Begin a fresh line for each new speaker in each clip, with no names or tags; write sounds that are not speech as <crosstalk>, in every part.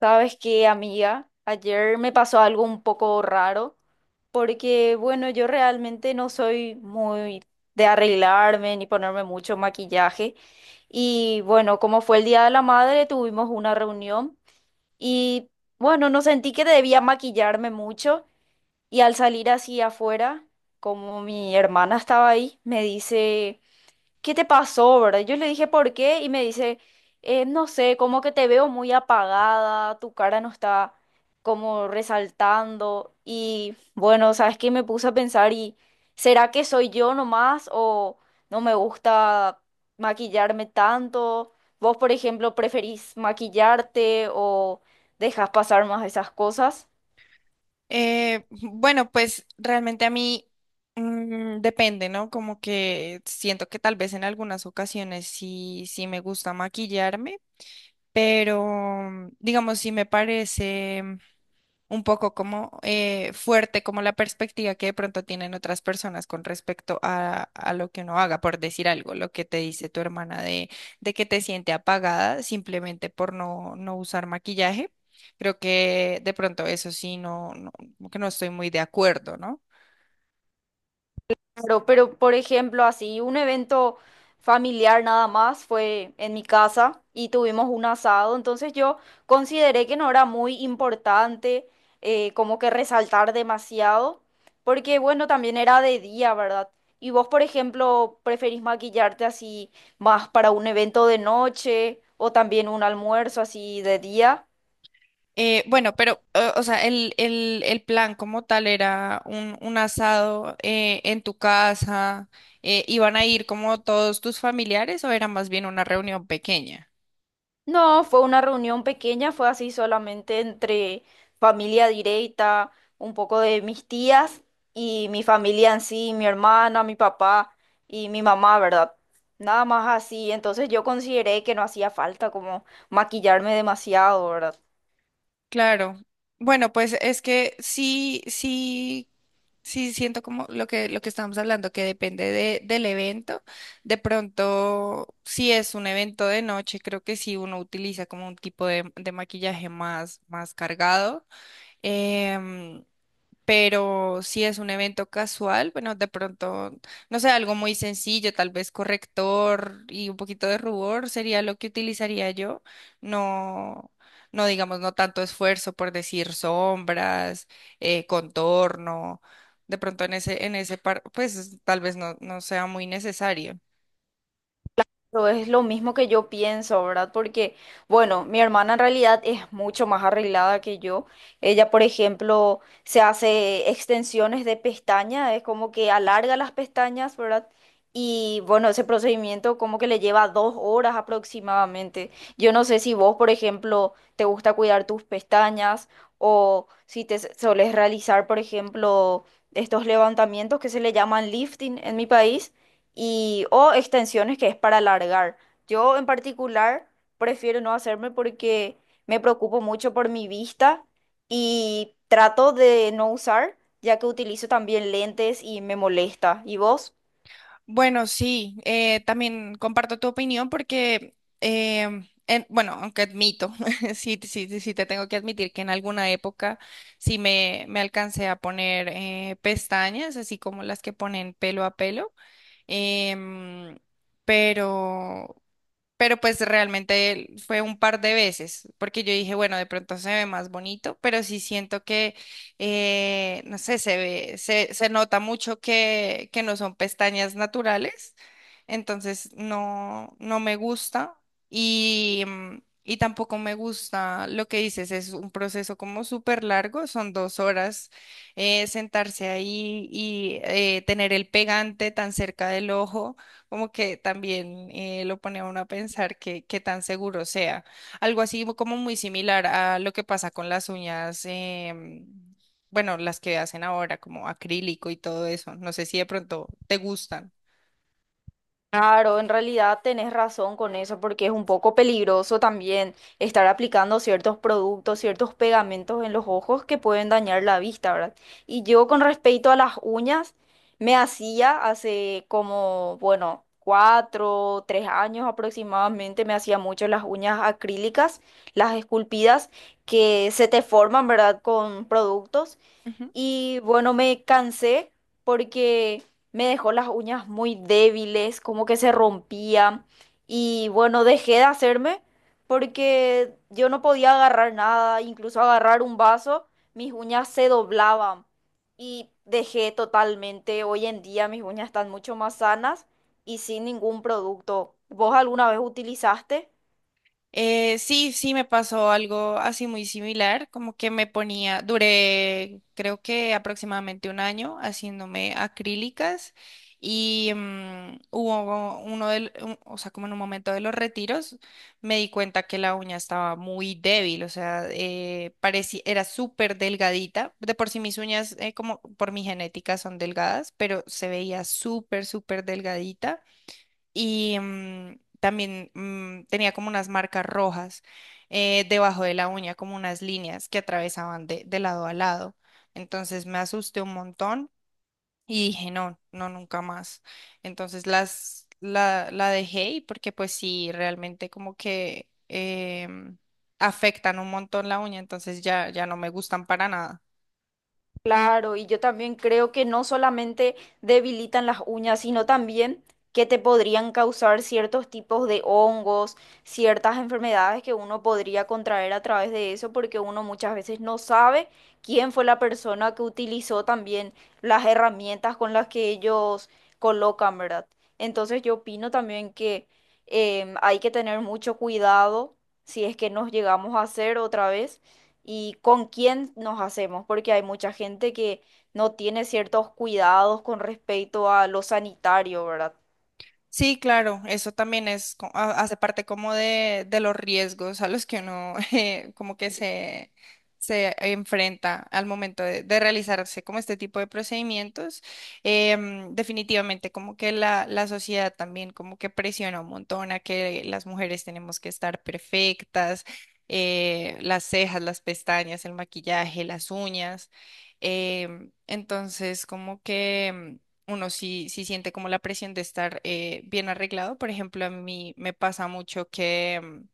Sabes qué, amiga, ayer me pasó algo un poco raro, porque bueno, yo realmente no soy muy de arreglarme ni ponerme mucho maquillaje. Y bueno, como fue el Día de la Madre, tuvimos una reunión y bueno, no sentí que debía maquillarme mucho y al salir así afuera, como mi hermana estaba ahí, me dice: ¿qué te pasó, verdad? Yo le dije, ¿por qué? Y me dice, no sé, como que te veo muy apagada, tu cara no está como resaltando. Y bueno, ¿sabes qué? Me puse a pensar y ¿será que soy yo nomás o no me gusta maquillarme tanto? ¿Vos, por ejemplo, preferís maquillarte o dejas pasar más esas cosas?
Bueno, pues realmente a mí depende, ¿no? Como que siento que tal vez en algunas ocasiones sí me gusta maquillarme, pero digamos, sí me parece un poco como fuerte, como la perspectiva que de pronto tienen otras personas con respecto a, lo que uno haga, por decir algo, lo que te dice tu hermana de que te siente apagada simplemente por no usar maquillaje. Creo que de pronto eso sí, no, no, como que no estoy muy de acuerdo, ¿no?
Claro, pero por ejemplo, así, un evento familiar nada más fue en mi casa y tuvimos un asado, entonces yo consideré que no era muy importante como que resaltar demasiado, porque bueno, también era de día, ¿verdad? Y vos, por ejemplo, preferís maquillarte así más para un evento de noche o también un almuerzo así de día.
Bueno, pero, o sea, el plan como tal era un asado en tu casa, ¿iban a ir como todos tus familiares o era más bien una reunión pequeña?
No, fue una reunión pequeña, fue así solamente entre familia directa, un poco de mis tías y mi familia en sí, mi hermana, mi papá y mi mamá, ¿verdad? Nada más así, entonces yo consideré que no hacía falta como maquillarme demasiado, ¿verdad?
Claro. Bueno, pues es que sí, sí, sí siento como lo lo que estábamos hablando, que depende del evento. De pronto, si es un evento de noche, creo que sí uno utiliza como un tipo de maquillaje más, más cargado. Em, pero si es un evento casual, bueno, de pronto, no sé, algo muy sencillo, tal vez corrector y un poquito de rubor sería lo que utilizaría yo. No, no digamos, no tanto esfuerzo por decir sombras, contorno. De pronto en ese par, pues tal vez no, no sea muy necesario.
Pero es lo mismo que yo pienso, ¿verdad? Porque, bueno, mi hermana en realidad es mucho más arreglada que yo. Ella, por ejemplo, se hace extensiones de pestaña, es como que alarga las pestañas, ¿verdad? Y bueno, ese procedimiento como que le lleva dos horas aproximadamente. Yo no sé si vos, por ejemplo, te gusta cuidar tus pestañas o si solés realizar, por ejemplo, estos levantamientos que se le llaman lifting en mi país y o extensiones que es para alargar. Yo en particular prefiero no hacerme porque me preocupo mucho por mi vista y trato de no usar, ya que utilizo también lentes y me molesta. ¿Y vos?
Bueno, sí, también comparto tu opinión porque, bueno, aunque admito, <laughs> sí, sí, sí te tengo que admitir que en alguna época sí me alcancé a poner pestañas, así como las que ponen pelo a pelo, em, pero pero pues realmente fue un par de veces, porque yo dije, bueno, de pronto se ve más bonito, pero sí siento que, no sé, se ve, se nota mucho que no son pestañas naturales, entonces no, no me gusta y, mm, y tampoco me gusta lo que dices, es un proceso como súper largo, son dos horas sentarse ahí y tener el pegante tan cerca del ojo como que también lo pone a uno a pensar que, qué tan seguro sea. Algo así como muy similar a lo que pasa con las uñas, bueno, las que hacen ahora, como acrílico y todo eso. No sé si de pronto te gustan.
Claro, en realidad tenés razón con eso, porque es un poco peligroso también estar aplicando ciertos productos, ciertos pegamentos en los ojos que pueden dañar la vista, ¿verdad? Y yo con respecto a las uñas, me hacía hace como, bueno, cuatro, tres años aproximadamente, me hacía mucho las uñas acrílicas, las esculpidas, que se te forman, ¿verdad? Con productos. Y bueno, me cansé porque me dejó las uñas muy débiles, como que se rompían. Y bueno, dejé de hacerme porque yo no podía agarrar nada, incluso agarrar un vaso, mis uñas se doblaban. Y dejé totalmente. Hoy en día mis uñas están mucho más sanas y sin ningún producto. ¿Vos alguna vez utilizaste?
Sí, sí, me pasó algo así muy similar, como que me ponía, duré creo que aproximadamente un año haciéndome acrílicas y hubo uno o sea, como en un momento de los retiros, me di cuenta que la uña estaba muy débil, o sea, parecía, era súper delgadita, de por sí mis uñas, como por mi genética son delgadas, pero se veía súper, súper delgadita y también tenía como unas marcas rojas debajo de la uña, como unas líneas que atravesaban de lado a lado. Entonces me asusté un montón y dije, no, no, nunca más. Entonces la dejé y porque pues sí, realmente como que em, afectan un montón la uña, entonces ya, ya no me gustan para nada.
Claro, y yo también creo que no solamente debilitan las uñas, sino también que te podrían causar ciertos tipos de hongos, ciertas enfermedades que uno podría contraer a través de eso, porque uno muchas veces no sabe quién fue la persona que utilizó también las herramientas con las que ellos colocan, ¿verdad? Entonces yo opino también que hay que tener mucho cuidado si es que nos llegamos a hacer otra vez y con quién nos hacemos, porque hay mucha gente que no tiene ciertos cuidados con respecto a lo sanitario, ¿verdad?
Sí, claro, eso también es, hace parte como de los riesgos a los que uno <laughs> como que se enfrenta al momento de realizarse como este tipo de procedimientos. Definitivamente como que la sociedad también como que presiona un montón a que las mujeres tenemos que estar perfectas, las cejas, las pestañas, el maquillaje, las uñas. Entonces como que uno sí, sí siente como la presión de estar bien arreglado. Por ejemplo, a mí me pasa mucho que mm,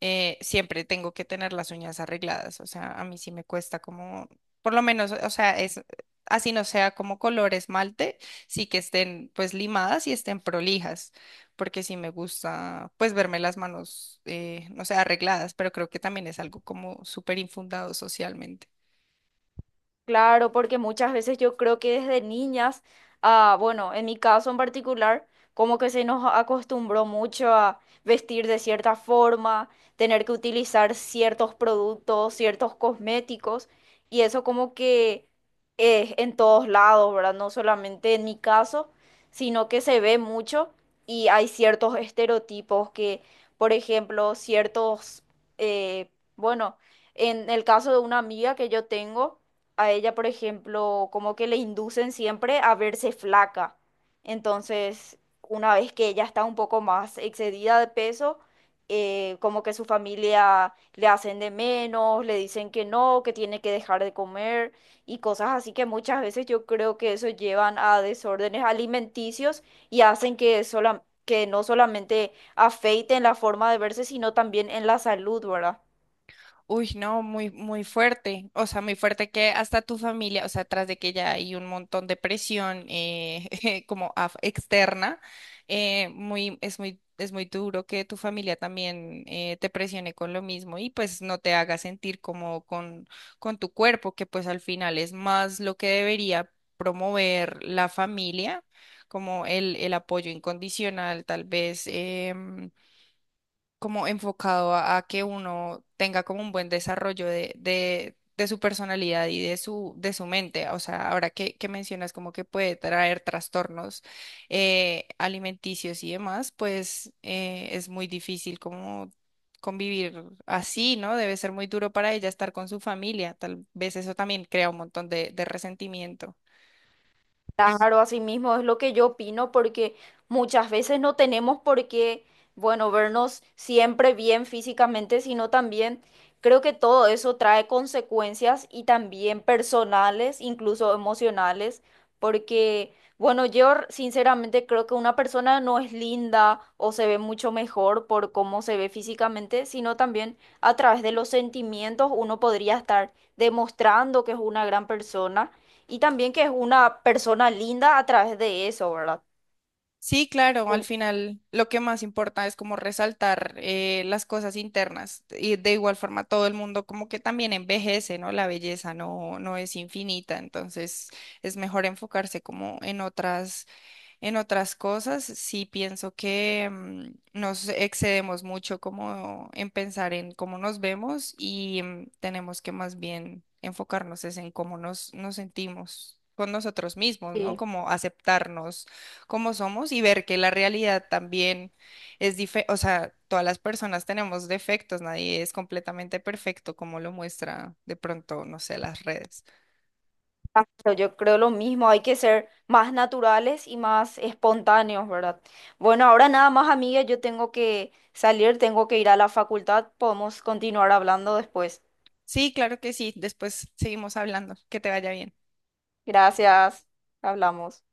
eh, siempre tengo que tener las uñas arregladas. O sea, a mí sí me cuesta como, por lo menos, o sea, es así no sea como color esmalte, sí que estén pues limadas y estén prolijas, porque sí me gusta pues verme las manos, no sé, arregladas, pero creo que también es algo como súper infundado socialmente.
Claro, porque muchas veces yo creo que desde niñas, ah, bueno, en mi caso en particular, como que se nos acostumbró mucho a vestir de cierta forma, tener que utilizar ciertos productos, ciertos cosméticos, y eso como que es en todos lados, ¿verdad? No solamente en mi caso, sino que se ve mucho y hay ciertos estereotipos que, por ejemplo, eh, bueno, en el caso de una amiga que yo tengo, a ella, por ejemplo, como que le inducen siempre a verse flaca. Entonces, una vez que ella está un poco más excedida de peso, como que su familia le hacen de menos, le dicen que no, que tiene que dejar de comer y cosas así que muchas veces yo creo que eso llevan a desórdenes alimenticios y hacen que que no solamente afeiten la forma de verse, sino también en la salud, ¿verdad?
Uy, no, muy, muy fuerte. O sea, muy fuerte que hasta tu familia, o sea, tras de que ya hay un montón de presión <laughs> externa, muy, es muy, es muy duro que tu familia también te presione con lo mismo y pues no te haga sentir como con tu cuerpo, que pues al final es más lo que debería promover la familia, como el apoyo incondicional, tal vez. Como enfocado a que uno tenga como un buen desarrollo de su personalidad y de su mente. O sea, ahora que mencionas como que puede traer trastornos alimenticios y demás, pues es muy difícil como convivir así, ¿no? Debe ser muy duro para ella estar con su familia. Tal vez eso también crea un montón de resentimiento.
Claro, así mismo es lo que yo opino, porque muchas veces no tenemos por qué, bueno, vernos siempre bien físicamente, sino también creo que todo eso trae consecuencias y también personales, incluso emocionales, porque, bueno, sinceramente creo que una persona no es linda o se ve mucho mejor por cómo se ve físicamente, sino también a través de los sentimientos uno podría estar demostrando que es una gran persona. Y también que es una persona linda a través de eso, ¿verdad?
Sí, claro, al
Un-
final lo que más importa es como resaltar las cosas internas y de igual forma todo el mundo como que también envejece, ¿no? La belleza no, no es infinita, entonces es mejor enfocarse como en otras. En otras cosas, sí pienso que nos excedemos mucho como en pensar en cómo nos vemos y tenemos que más bien enfocarnos es en cómo nos sentimos con nosotros mismos, ¿no?
sí.
Como aceptarnos como somos y ver que la realidad también es diferente, o sea, todas las personas tenemos defectos, nadie es completamente perfecto como lo muestra de pronto, no sé, las redes.
Ah, pero yo creo lo mismo, hay que ser más naturales y más espontáneos, ¿verdad? Bueno, ahora nada más, amiga, yo tengo que salir, tengo que ir a la facultad, podemos continuar hablando después.
Sí, claro que sí, después seguimos hablando, que te vaya bien.
Gracias, hablamos.